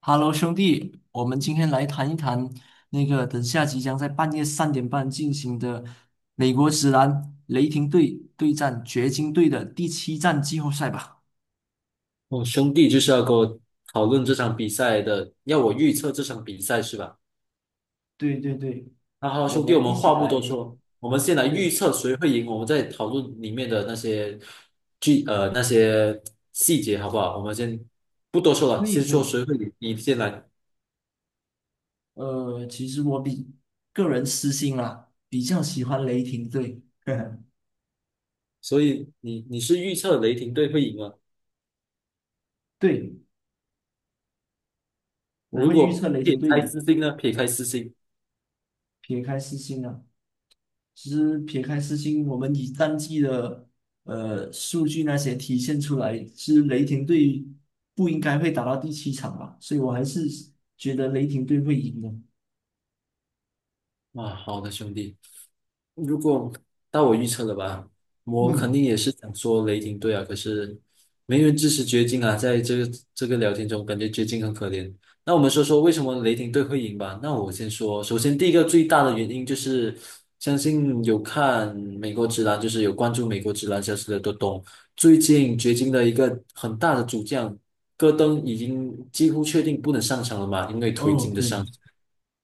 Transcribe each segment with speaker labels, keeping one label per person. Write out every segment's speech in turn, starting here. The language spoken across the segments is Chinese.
Speaker 1: 哈喽，兄弟，我们今天来谈一谈那个等下即将在半夜3点半进行的美国职篮雷霆队对战掘金队的第7站季后赛吧。
Speaker 2: 哦，兄弟就是要跟我讨论这场比赛的，要我预测这场比赛是吧？
Speaker 1: 对对对，
Speaker 2: 那好，
Speaker 1: 我
Speaker 2: 兄弟，我
Speaker 1: 们一
Speaker 2: 们
Speaker 1: 起
Speaker 2: 话不
Speaker 1: 来，
Speaker 2: 多说，我们先来预
Speaker 1: 对，
Speaker 2: 测谁会赢，我们再讨论里面的那些那些细节，好不好？我们先不多说了，
Speaker 1: 可
Speaker 2: 先
Speaker 1: 以可
Speaker 2: 说
Speaker 1: 以。
Speaker 2: 谁会赢，你先来。
Speaker 1: 其实我比个人私心啊，比较喜欢雷霆队。
Speaker 2: 所以你是预测雷霆队会赢吗？
Speaker 1: 对，我
Speaker 2: 如
Speaker 1: 会预测
Speaker 2: 果
Speaker 1: 雷
Speaker 2: 撇
Speaker 1: 霆队
Speaker 2: 开私
Speaker 1: 赢。
Speaker 2: 心呢？撇开私心
Speaker 1: 撇开私心啊。其实撇开私心，我们以战绩的数据那些体现出来，是雷霆队不应该会打到第七场吧？所以我还是觉得雷霆队会赢的。
Speaker 2: 啊，好的，兄弟。如果到我预测了吧，我肯定
Speaker 1: 嗯，
Speaker 2: 也是想说雷霆队啊，可是没人支持掘金啊，在这个聊天中，感觉掘金很可怜。那我们说说为什么雷霆队会赢吧？那我先说，首先第一个最大的原因就是，相信有看美国职篮，就是有关注美国职篮消息的都懂，最近掘金的一个很大的主将戈登已经几乎确定不能上场了嘛，因为腿
Speaker 1: 哦，
Speaker 2: 筋的伤。
Speaker 1: 对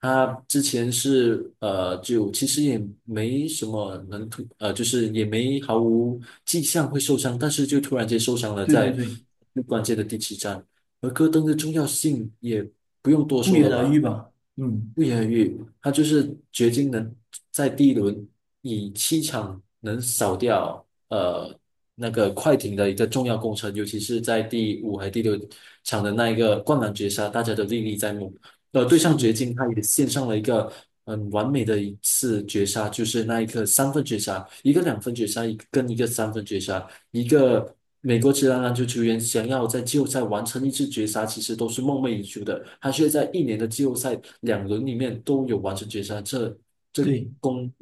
Speaker 2: 他之前是就其实也没什么能突，就是也没毫无迹象会受伤，但是就突然间受伤了，
Speaker 1: 对对
Speaker 2: 在
Speaker 1: 对，
Speaker 2: 最关键的第七战。而戈登的重要性也不用多
Speaker 1: 不
Speaker 2: 说
Speaker 1: 言
Speaker 2: 了
Speaker 1: 而喻
Speaker 2: 吧，
Speaker 1: 吧？嗯，
Speaker 2: 不言而喻，他就是掘金能在第一轮以七场能扫掉那个快艇的一个重要功臣，尤其是在第五还第六场的那一个灌篮绝杀，大家都历历在目。对
Speaker 1: 是
Speaker 2: 上掘
Speaker 1: 的，
Speaker 2: 金，他也献上了一个很完美的一次绝杀，就是那一刻三分绝杀，一个两分绝杀，一个跟一个三分绝杀，一个美国职篮篮球球员想要在季后赛完成一次绝杀，其实都是梦寐以求的，他却在一年的季后赛两轮里面都有完成绝杀，这
Speaker 1: 对，
Speaker 2: 功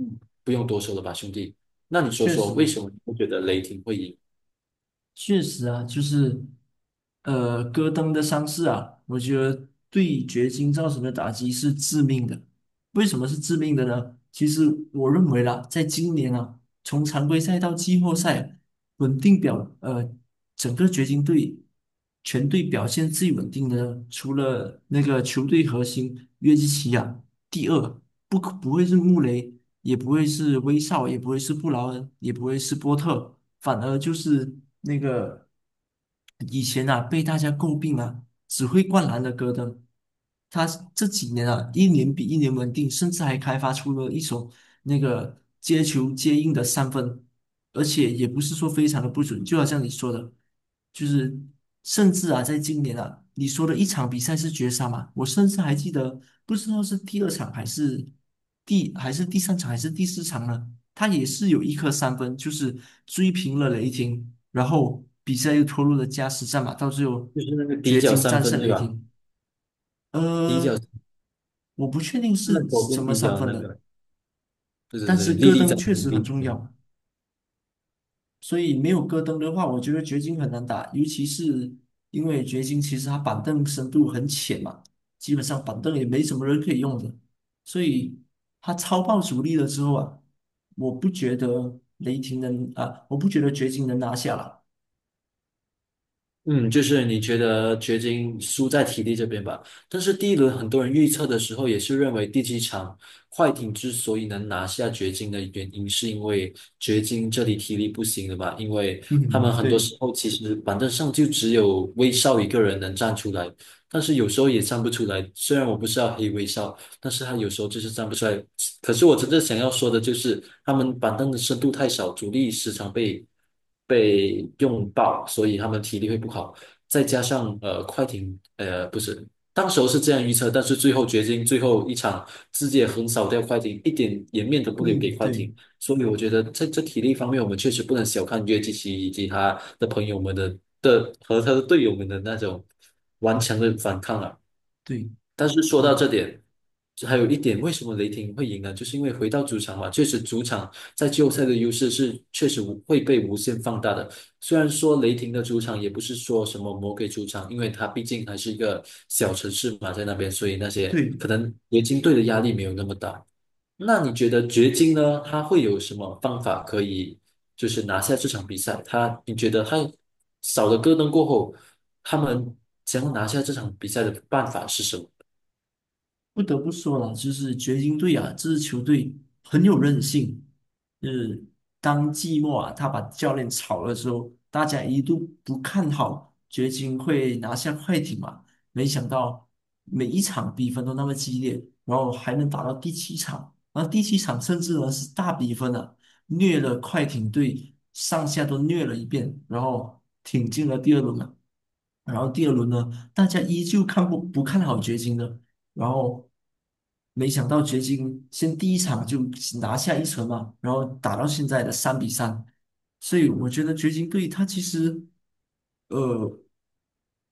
Speaker 2: 不用多说了吧，兄弟？那你说
Speaker 1: 确
Speaker 2: 说，
Speaker 1: 实
Speaker 2: 为
Speaker 1: 的。
Speaker 2: 什么你会觉得雷霆会赢？
Speaker 1: 确实啊，就是，戈登的伤势啊，我觉得对掘金造成的打击是致命的。为什么是致命的呢？其实我认为啦，在今年啊，从常规赛到季后赛，稳定表，呃，整个掘金队全队表现最稳定的，除了那个球队核心约基奇啊，第二，不会是穆雷，也不会是威少，也不会是布劳恩，也不会是波特，反而就是那个以前啊被大家诟病啊，只会灌篮的戈登，他这几年啊一年比一年稳定，甚至还开发出了一手那个接球接应的三分。而且也不是说非常的不准，就好像你说的，就是甚至啊，在今年啊，你说的一场比赛是绝杀嘛，我甚至还记得，不知道是第2场还是第3场还是第4场呢，他也是有一颗三分，就是追平了雷霆，然后比赛又拖入了加时战嘛，到最后
Speaker 2: 就是那个底
Speaker 1: 掘
Speaker 2: 角
Speaker 1: 金
Speaker 2: 三
Speaker 1: 战
Speaker 2: 分，
Speaker 1: 胜
Speaker 2: 对
Speaker 1: 雷
Speaker 2: 吧？
Speaker 1: 霆。
Speaker 2: 底角，
Speaker 1: 呃，我不确定
Speaker 2: 那
Speaker 1: 是
Speaker 2: 左
Speaker 1: 什
Speaker 2: 边
Speaker 1: 么
Speaker 2: 底
Speaker 1: 三
Speaker 2: 角的
Speaker 1: 分
Speaker 2: 那
Speaker 1: 了，
Speaker 2: 个，对
Speaker 1: 但
Speaker 2: 对
Speaker 1: 是
Speaker 2: 对，历
Speaker 1: 戈
Speaker 2: 历
Speaker 1: 登
Speaker 2: 在
Speaker 1: 确
Speaker 2: 目，
Speaker 1: 实
Speaker 2: 历
Speaker 1: 很
Speaker 2: 历
Speaker 1: 重
Speaker 2: 在目。
Speaker 1: 要，所以没有戈登的话，我觉得掘金很难打，尤其是因为掘金其实他板凳深度很浅嘛，基本上板凳也没什么人可以用的，所以他超爆主力了之后啊，我不觉得雷霆能啊，我不觉得掘金能拿下了。
Speaker 2: 嗯，就是你觉得掘金输在体力这边吧？但是第一轮很多人预测的时候也是认为第七场快艇之所以能拿下掘金的原因，是因为掘金这里体力不行了吧？因为他们
Speaker 1: 嗯，
Speaker 2: 很多
Speaker 1: 对，
Speaker 2: 时候其实板凳上就只有威少一个人能站出来，但是有时候也站不出来。虽然我不是要黑威少，但是他有时候就是站不出来。可是我真正想要说的就是，他们板凳的深度太少，主力时常被用爆，所以他们体力会不好。再加上快艇不是，当时候是这样预测，但是最后掘金最后一场直接横扫掉快艇，一点颜面都不留给
Speaker 1: 嗯，
Speaker 2: 快
Speaker 1: 对，
Speaker 2: 艇。所以我觉得在这体力方面，我们确实不能小看约基奇以及他的朋友们的和他的队友们的那种顽强的反抗啊。
Speaker 1: 对，
Speaker 2: 但是说
Speaker 1: 我
Speaker 2: 到这点，还有一点，为什么雷霆会赢呢？就是因为回到主场嘛，确实主场在季后赛的优势是确实无会被无限放大的。虽然说雷霆的主场也不是说什么魔鬼主场，因为它毕竟还是一个小城市嘛，在那边，所以那些
Speaker 1: 对
Speaker 2: 可能掘金队的压力没有那么大。那你觉得掘金呢？他会有什么方法可以就是拿下这场比赛？他你觉得他少了戈登过后，他们想要拿下这场比赛的办法是什么？
Speaker 1: 不得不说了，就是掘金队啊，这支球队很有韧性。就是当季末啊，他把教练炒了之后，大家一度不看好掘金会拿下快艇嘛，没想到每一场比分都那么激烈，然后还能打到第七场，然后第七场甚至呢是大比分啊，虐了快艇队上下都虐了一遍，然后挺进了第二轮了。然后第二轮呢，大家依旧看不不看好掘金的，然后没想到掘金先第1场就拿下一城嘛，然后打到现在的3比3，所以我觉得掘金队他其实呃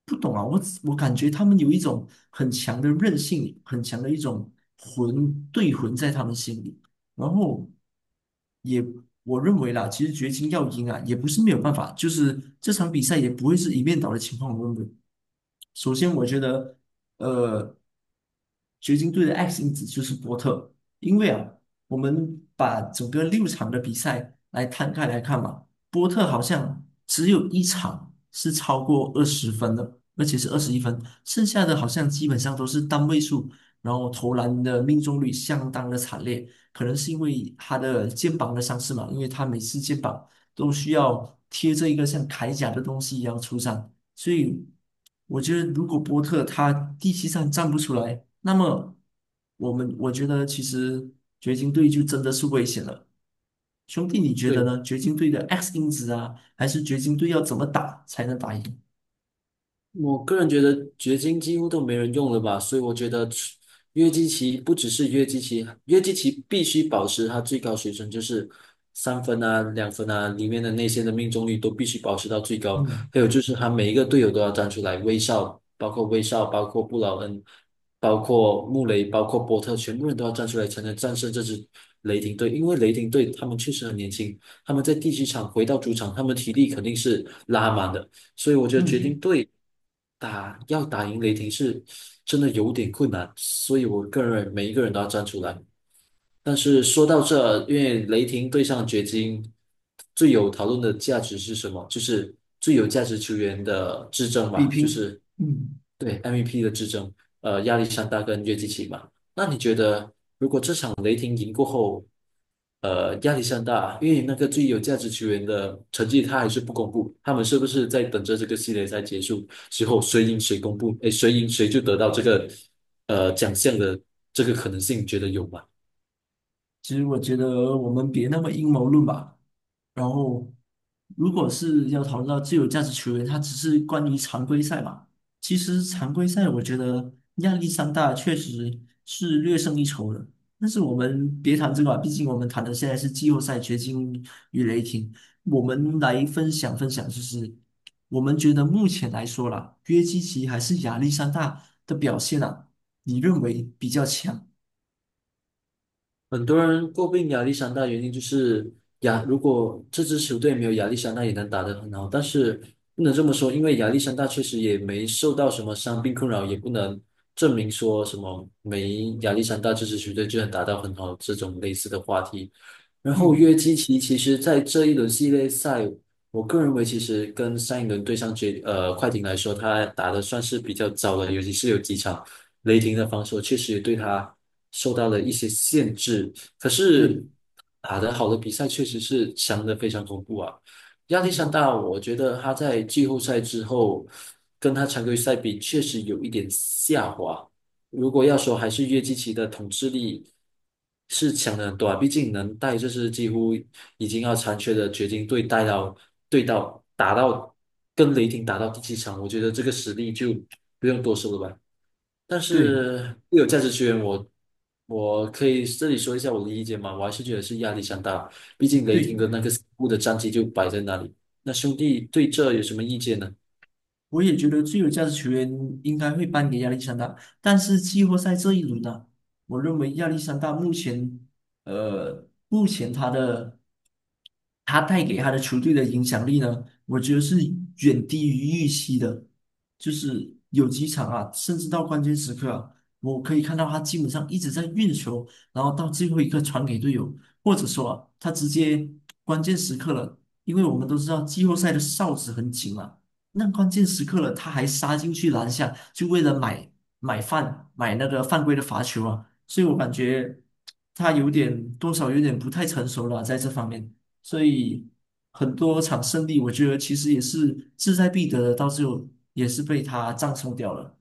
Speaker 1: 不懂啊，我感觉他们有一种很强的韧性，很强的一种魂对魂在他们心里，然后也。我认为啦，其实掘金要赢啊，也不是没有办法，就是这场比赛也不会是一面倒的情况。我认为，首先，我觉得，呃，掘金队的 X 因子就是波特，因为啊，我们把整个6场的比赛来摊开来看嘛，波特好像只有一场是超过20分的，而且是21分，剩下的好像基本上都是单位数，然后投篮的命中率相当的惨烈，可能是因为他的肩膀的伤势嘛，因为他每次肩膀都需要贴着一个像铠甲的东西一样出战，所以我觉得，如果波特他第7战站不出来，那么我觉得其实掘金队就真的是危险了。兄弟，你觉得
Speaker 2: 对。
Speaker 1: 呢？掘金队的 X 因子啊，还是掘金队要怎么打才能打赢？
Speaker 2: 我个人觉得掘金几乎都没人用了吧，所以我觉得除约基奇不只是约基奇，约基奇必须保持它最高水准，就是三分啊、两分啊里面的那些的命中率都必须保持到最高。
Speaker 1: 嗯
Speaker 2: 还有就是他每一个队友都要站出来，威少，包括威少，包括布劳恩，包括穆雷，包括波特，全部人都要站出来才能战胜这支雷霆队，因为雷霆队他们确实很年轻，他们在第七场回到主场，他们体力肯定是拉满的。所以我觉得掘金
Speaker 1: 嗯，
Speaker 2: 队打要打赢雷霆是真的有点困难，所以我个人每一个人都要站出来。但是说到这，因为雷霆对上掘金，最有讨论的价值是什么？就是最有价值球员的之争
Speaker 1: 比
Speaker 2: 吧，就
Speaker 1: 拼，
Speaker 2: 是
Speaker 1: 嗯。
Speaker 2: 对 MVP 的之争，亚历山大跟约基奇嘛。那你觉得？呃，压力山大，因为那个最有价值球员的成绩他还是不公布，他们是不是在等着这个系列赛结束之后，谁赢谁公布？哎，谁赢谁就得到这个奖项的这个可能性，你觉得有吗？
Speaker 1: 其实我觉得我们别那么阴谋论吧。然后，如果是要讨论到最有价值球员，他只是关于常规赛嘛。其实常规赛我觉得亚历山大确实是略胜一筹的。但是我们别谈这个吧，毕竟我们谈的现在是季后赛掘金与雷霆。我们来分享分享，就是我们觉得目前来说啦，约基奇还是亚历山大的表现啊，你认为比较强？
Speaker 2: 很多人诟病亚历山大，原因就是亚，如果这支球队没有亚历山大，也能打得很好。但是不能这么说，因为亚历山大确实也没受到什么伤病困扰，也不能证明说什么没亚历山大这支球队就能打到很好这种类似的话题。然后约
Speaker 1: 嗯，
Speaker 2: 基奇其实在这一轮系列赛，我个人认为其实跟上一轮对上决快艇来说，他打的算是比较早的，尤其是有几场。雷霆的防守确实也对他受到了一些限制，可是
Speaker 1: 对。
Speaker 2: 打得好的比赛确实是强得非常恐怖啊。亚历山
Speaker 1: 嗯
Speaker 2: 大，我觉得他在季后赛之后跟他常规赛比，确实有一点下滑。如果要说还是约基奇的统治力是强了很多啊，毕竟能带这支几乎已经要残缺的掘金队带到对到打到跟雷霆打到第七场，我觉得这个实力就不用多说了吧。但
Speaker 1: 对
Speaker 2: 是固有价值球员我，我可以这里说一下我的意见嘛，我还是觉得是压力山大，毕竟雷霆
Speaker 1: 对，
Speaker 2: 的那个死固的战绩就摆在那里。那兄弟对这有什么意见呢？
Speaker 1: 我也觉得最有价值球员应该会颁给亚历山大，但是季后赛这一轮呢、我认为亚历山大目前，目前他带给他的球队的影响力呢，我觉得是远低于预期的，就是有几场啊，甚至到关键时刻啊，我可以看到他基本上一直在运球，然后到最后一刻传给队友，或者说啊，他直接关键时刻了，因为我们都知道季后赛的哨子很紧嘛。那关键时刻了，他还杀进去篮下，就为了买饭，买那个犯规的罚球啊！所以我感觉他有点多少有点不太成熟了，在这方面。所以很多场胜利，我觉得其实也是志在必得的，到最后也是被他葬送掉了。